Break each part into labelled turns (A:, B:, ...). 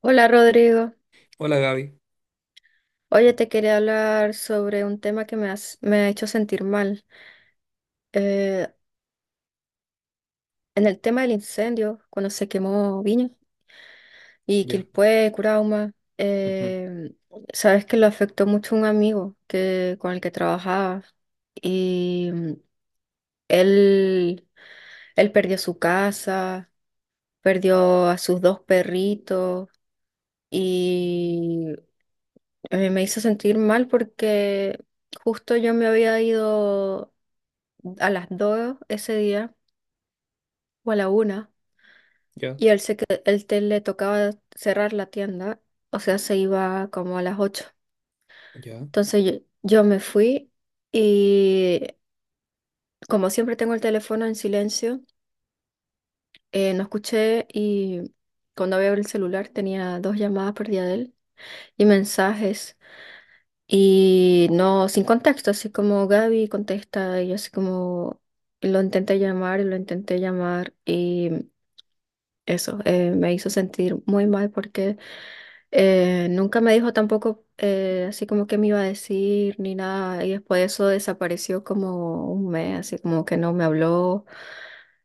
A: Hola Rodrigo,
B: Hola Gaby.
A: oye, te quería hablar sobre un tema que me ha hecho sentir mal. Eh, en el tema del incendio, cuando se quemó Viña y
B: Ya.
A: Quilpué, Curauma,
B: Ujú.
A: eh, sabes que lo afectó mucho un amigo con el que trabajaba y él, él perdió su casa, perdió a sus dos perritos y me hizo sentir mal porque justo yo me había ido a las dos ese día o a la una,
B: Ya,
A: y él se que él te- le tocaba cerrar la tienda, o sea, se iba como a las ocho.
B: ya.
A: Entonces yo me fui y, como siempre tengo el teléfono en silencio, no escuché, y cuando abrí el celular tenía dos llamadas perdidas de él y mensajes. Y no, sin contexto, así como "Gaby, contesta", y yo así como lo intenté llamar y lo intenté llamar, y eso me hizo sentir muy mal porque nunca me dijo tampoco, así como que me iba a decir ni nada, y después eso desapareció como un mes, así como que no me habló.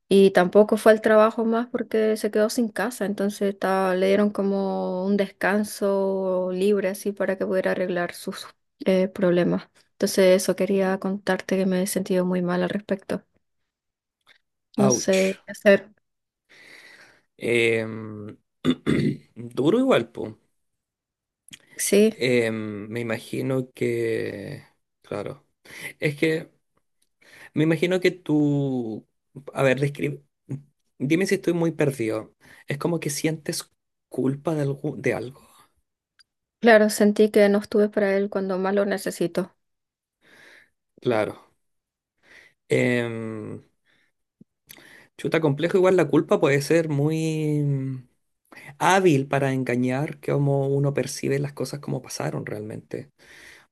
A: Y tampoco fue al trabajo más porque se quedó sin casa, entonces le dieron como un descanso libre, así para que pudiera arreglar sus problemas. Entonces eso quería contarte, que me he sentido muy mal al respecto. No sé
B: Ouch.
A: qué hacer.
B: Em, Duro igual, po.
A: Sí,
B: Me imagino que. Claro. Es que me imagino que tú. A ver, describe. Dime si estoy muy perdido. Es como que sientes culpa de algo, de algo.
A: claro, sentí que no estuve para él cuando más lo necesito.
B: Claro. Em, Chuta, complejo. Igual la culpa puede ser muy hábil para engañar cómo uno percibe las cosas como pasaron realmente.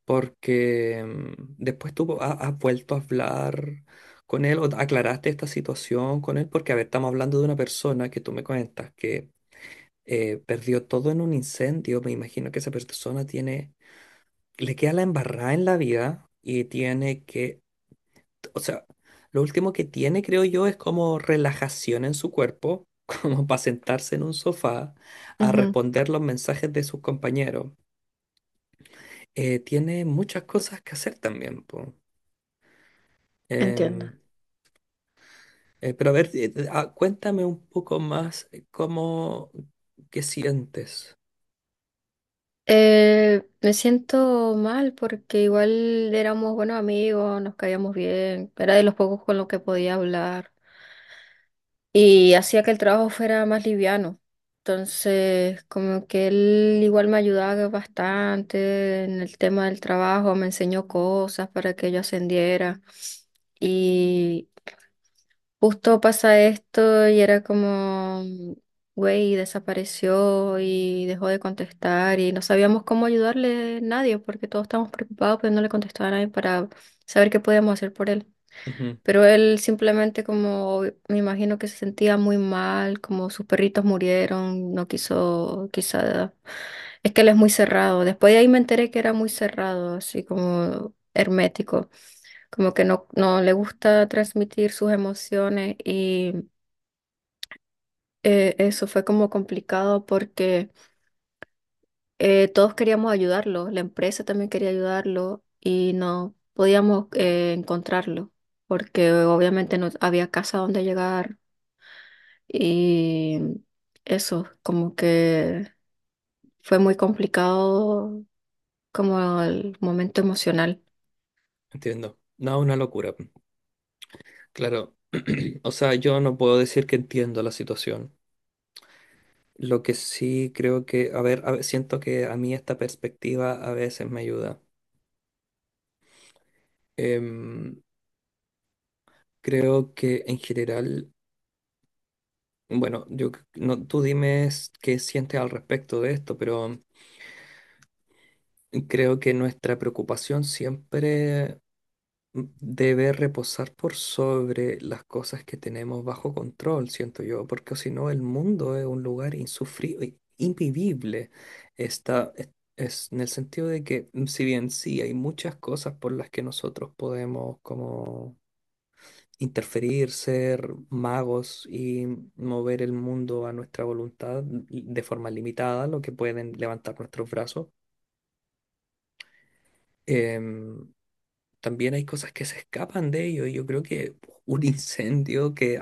B: Porque después tú has vuelto a hablar con él o aclaraste esta situación con él, porque a ver, estamos hablando de una persona que tú me cuentas que perdió todo en un incendio. Me imagino que esa persona tiene, le queda la embarrada en la vida y tiene que, o sea, lo último que tiene, creo yo, es como relajación en su cuerpo. Como para sentarse en un sofá a
A: Ujú.
B: responder los mensajes de sus compañeros. Tiene muchas cosas que hacer también, po.
A: Entiendo.
B: Em, pero a ver, ah, cuéntame un poco más, cómo, qué sientes.
A: Me siento mal porque igual éramos buenos amigos, nos caíamos bien, era de los pocos con los que podía hablar, y hacía que el trabajo fuera más liviano. Entonces, como que él igual me ayudaba bastante en el tema del trabajo, me enseñó cosas para que yo ascendiera. Y justo pasa esto y era como, güey, desapareció y dejó de contestar y no sabíamos cómo ayudarle nadie, porque todos estábamos preocupados, pero no le contestaba a nadie para saber qué podíamos hacer por él.
B: Ujú,
A: Pero él simplemente, como, me imagino que se sentía muy mal, como sus perritos murieron, no quiso, quizá, es que él es muy cerrado. Después de ahí me enteré que era muy cerrado, así como hermético, como que no, no le gusta transmitir sus emociones, y eso fue como complicado porque todos queríamos ayudarlo, la empresa también quería ayudarlo y no podíamos encontrarlo porque obviamente no había casa donde llegar. Y eso, como que fue muy complicado como el momento emocional.
B: entiendo. No, una locura. Claro. O sea, yo no puedo decir que entiendo la situación. Lo que sí creo que, a ver, siento que a mí esta perspectiva a veces me ayuda. Em, Creo que en general, bueno, yo, no, tú dime, qué sientes al respecto de esto, pero creo que nuestra preocupación siempre debe reposar por sobre las cosas que tenemos bajo control, siento yo, porque si no el mundo es un lugar insufrible, invivible. Está, es en el sentido de que, si bien sí, hay muchas cosas por las que nosotros podemos como interferir, ser magos y mover el mundo a nuestra voluntad de forma limitada, lo que pueden levantar nuestros brazos. Em, También hay cosas que se escapan de ello. Y yo creo que un incendio que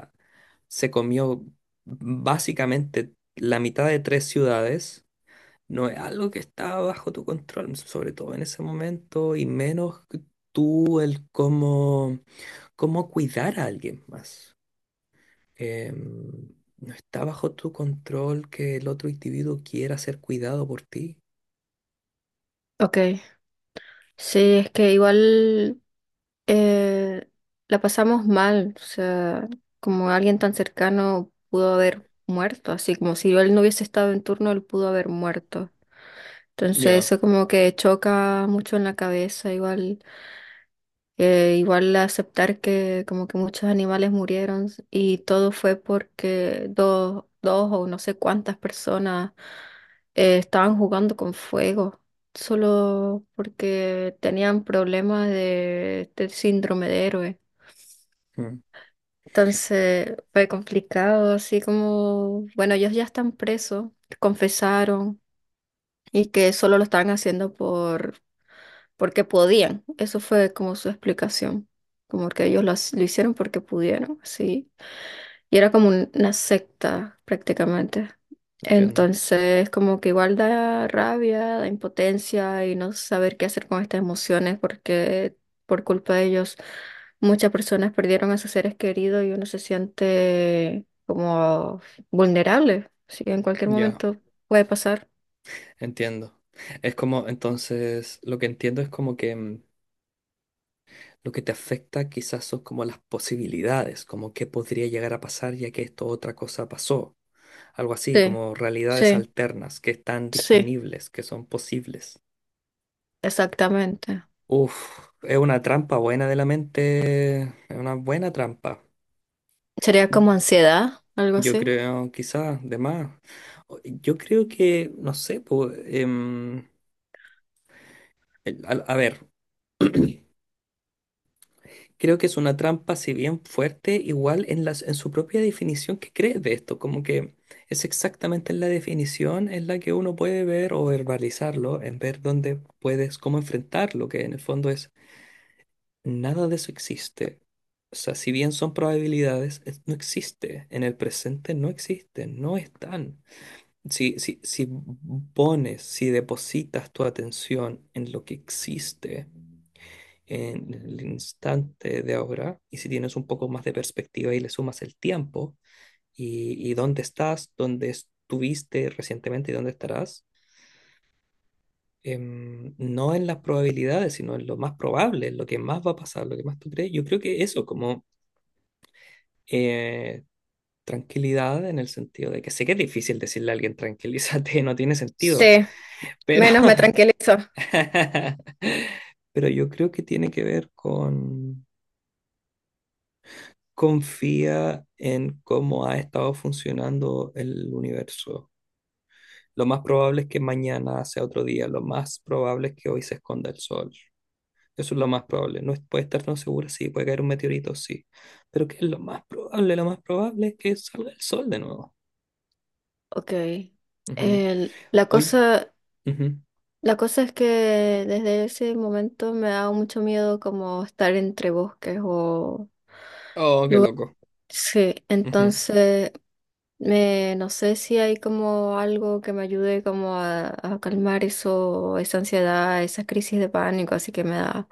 B: se comió básicamente la mitad de tres ciudades no es algo que está bajo tu control, sobre todo en ese momento, y menos que tú el cómo, cómo cuidar a alguien más. Em, no está bajo tu control que el otro individuo quiera ser cuidado por ti.
A: Ok, sí, es que igual eh, la pasamos mal, o sea, como alguien tan cercano pudo haber muerto, así como si él no hubiese estado en turno, él pudo haber muerto. Entonces
B: Ya.
A: eso como que choca mucho en la cabeza, igual. Igual aceptar que como que muchos animales murieron, y todo fue porque dos, dos o no sé cuántas personas estaban jugando con fuego, solo porque tenían problemas de síndrome de héroe.
B: mm,
A: Entonces fue complicado, así como, bueno, ellos ya están presos, confesaron, y que solo lo estaban haciendo porque podían. Eso fue como su explicación, como que ellos lo lo hicieron porque pudieron, sí. Y era como una secta prácticamente.
B: Entiendo.
A: Entonces, como que igual da rabia, da impotencia, y no saber qué hacer con estas emociones porque por culpa de ellos muchas personas perdieron a sus seres queridos, y uno se siente como vulnerable. Sí, en cualquier
B: Ya.
A: momento puede pasar.
B: Entiendo. Es como, entonces, lo que entiendo es como que lo que te afecta quizás son como las posibilidades, como qué podría llegar a pasar ya que esto otra cosa pasó. Algo así,
A: Sí,
B: como realidades
A: sí,
B: alternas que están
A: sí,
B: disponibles, que son posibles.
A: exactamente.
B: Uf, es una trampa buena de la mente, es una buena trampa.
A: Sería como ansiedad, algo
B: Yo
A: así.
B: creo, quizás, de más. Yo creo que, no sé, pues, a ver. Creo que es una trampa, si bien fuerte, igual en las, en su propia definición que crees de esto, como que es exactamente en la definición en la que uno puede ver o verbalizarlo, en ver dónde puedes, cómo enfrentarlo, que en el fondo es nada de eso existe. O sea, si bien son probabilidades, no existe. En el presente no existen, no están. Si pones, si depositas tu atención en lo que existe, en el instante de ahora y si tienes un poco más de perspectiva y le sumas el tiempo y dónde estás, dónde estuviste recientemente y dónde estarás, no en las probabilidades, sino en lo más probable, en lo que más va a pasar, lo que más tú crees. Yo creo que eso como eh, tranquilidad, en el sentido de que sé que es difícil decirle a alguien tranquilízate, no tiene sentido,
A: Sí,
B: pero,
A: menos me tranquilizo.
B: pero yo creo que tiene que ver con confía en cómo ha estado funcionando el universo. Lo más probable es que mañana sea otro día, lo más probable es que hoy se esconda el sol. Eso es lo más probable. No puede estar tan segura, sí, puede caer un meteorito, sí. Pero ¿qué es lo más probable? Lo más probable es que salga el sol de nuevo.
A: Ok.
B: Ujú.
A: La
B: Hoy.
A: cosa,
B: Ujú.
A: la cosa es que desde ese momento me da mucho miedo como estar entre bosques o...
B: Oh, qué loco.
A: Sí,
B: Ujú.
A: entonces no sé si hay como algo que me ayude como a calmar eso, esa ansiedad, esas crisis de pánico, así que me da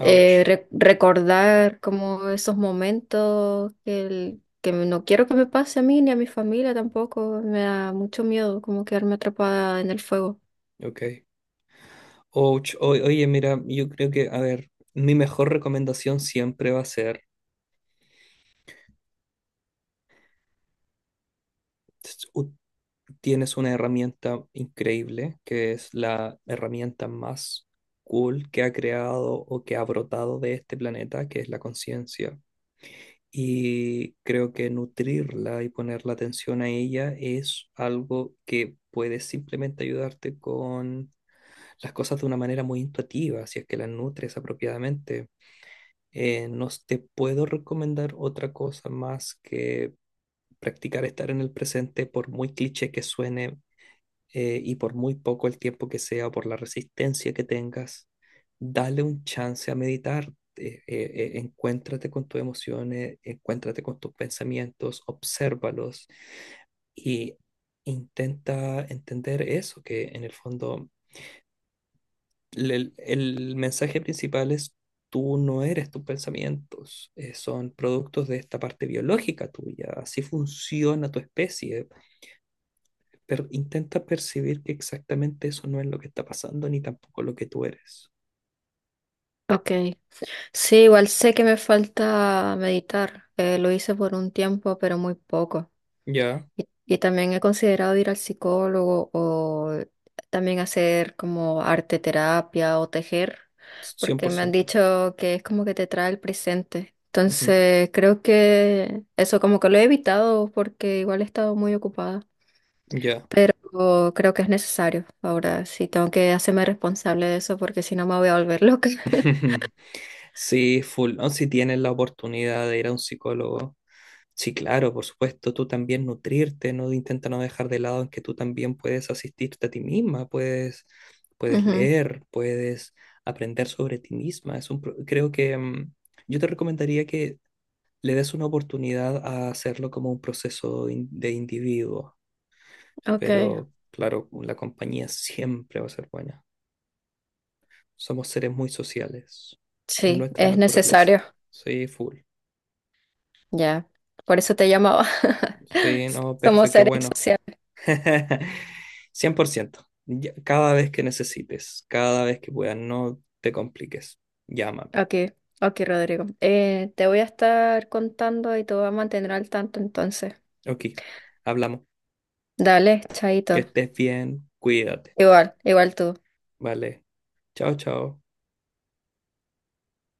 A: recordar como esos momentos, que no quiero que me pase a mí ni a mi familia tampoco, me da mucho miedo como quedarme atrapada en el fuego.
B: Ok. Ouch. Oye, mira, yo creo que, a ver, mi mejor recomendación siempre va a ser tienes una herramienta increíble, que es la herramienta más cool que ha creado o que ha brotado de este planeta, que es la conciencia. Y creo que nutrirla y poner la atención a ella es algo que puede simplemente ayudarte con las cosas de una manera muy intuitiva, si es que las nutres apropiadamente. No te puedo recomendar otra cosa más que practicar estar en el presente, por muy cliché que suene, y por muy poco el tiempo que sea o por la resistencia que tengas, dale un chance a meditar. Encuéntrate con tus emociones, encuéntrate con tus pensamientos, obsérvalos y intenta entender eso, que en el fondo el mensaje principal es tú no eres tus pensamientos, son productos de esta parte biológica tuya, así funciona tu especie, pero intenta percibir que exactamente eso no es lo que está pasando ni tampoco lo que tú eres.
A: Ok. Sí, igual sé que me falta meditar, lo hice por un tiempo, pero muy poco.
B: Ya,
A: Y también he considerado ir al psicólogo, o también hacer como arte terapia o tejer, porque me han
B: 100%.
A: dicho que es como que te trae el presente.
B: Ujú,
A: Entonces, creo que eso como que lo he evitado porque igual he estado muy ocupada,
B: ya.
A: pero creo que es necesario. Ahora sí tengo que hacerme responsable de eso porque si no me voy a volver loca.
B: Sí, full. No, si tienes la oportunidad de ir a un psicólogo, sí, claro, por supuesto, tú también nutrirte, no intenta no dejar de lado en que tú también puedes asistirte a ti misma, puedes, puedes
A: Ujú.
B: leer, puedes aprender sobre ti misma. Es un, creo que yo te recomendaría que le des una oportunidad a hacerlo como un proceso de individuo,
A: Ok,
B: pero claro, la compañía siempre va a ser buena. Somos seres muy sociales en
A: sí,
B: nuestra
A: es
B: naturaleza.
A: necesario,
B: Sí, full.
A: ya. Por eso te llamaba.
B: Sí, no,
A: Somos
B: perfecto, qué
A: seres
B: bueno.
A: sociales.
B: 100%. Cada vez que necesites, cada vez que puedas, no te compliques. Llámame.
A: Ok, ok, Rodrigo. Te voy a estar contando y te voy a mantener al tanto entonces.
B: Ok, hablamos.
A: Dale, chaito.
B: Que estés bien, cuídate.
A: Igual, igual tú.
B: Vale. Chao, chao.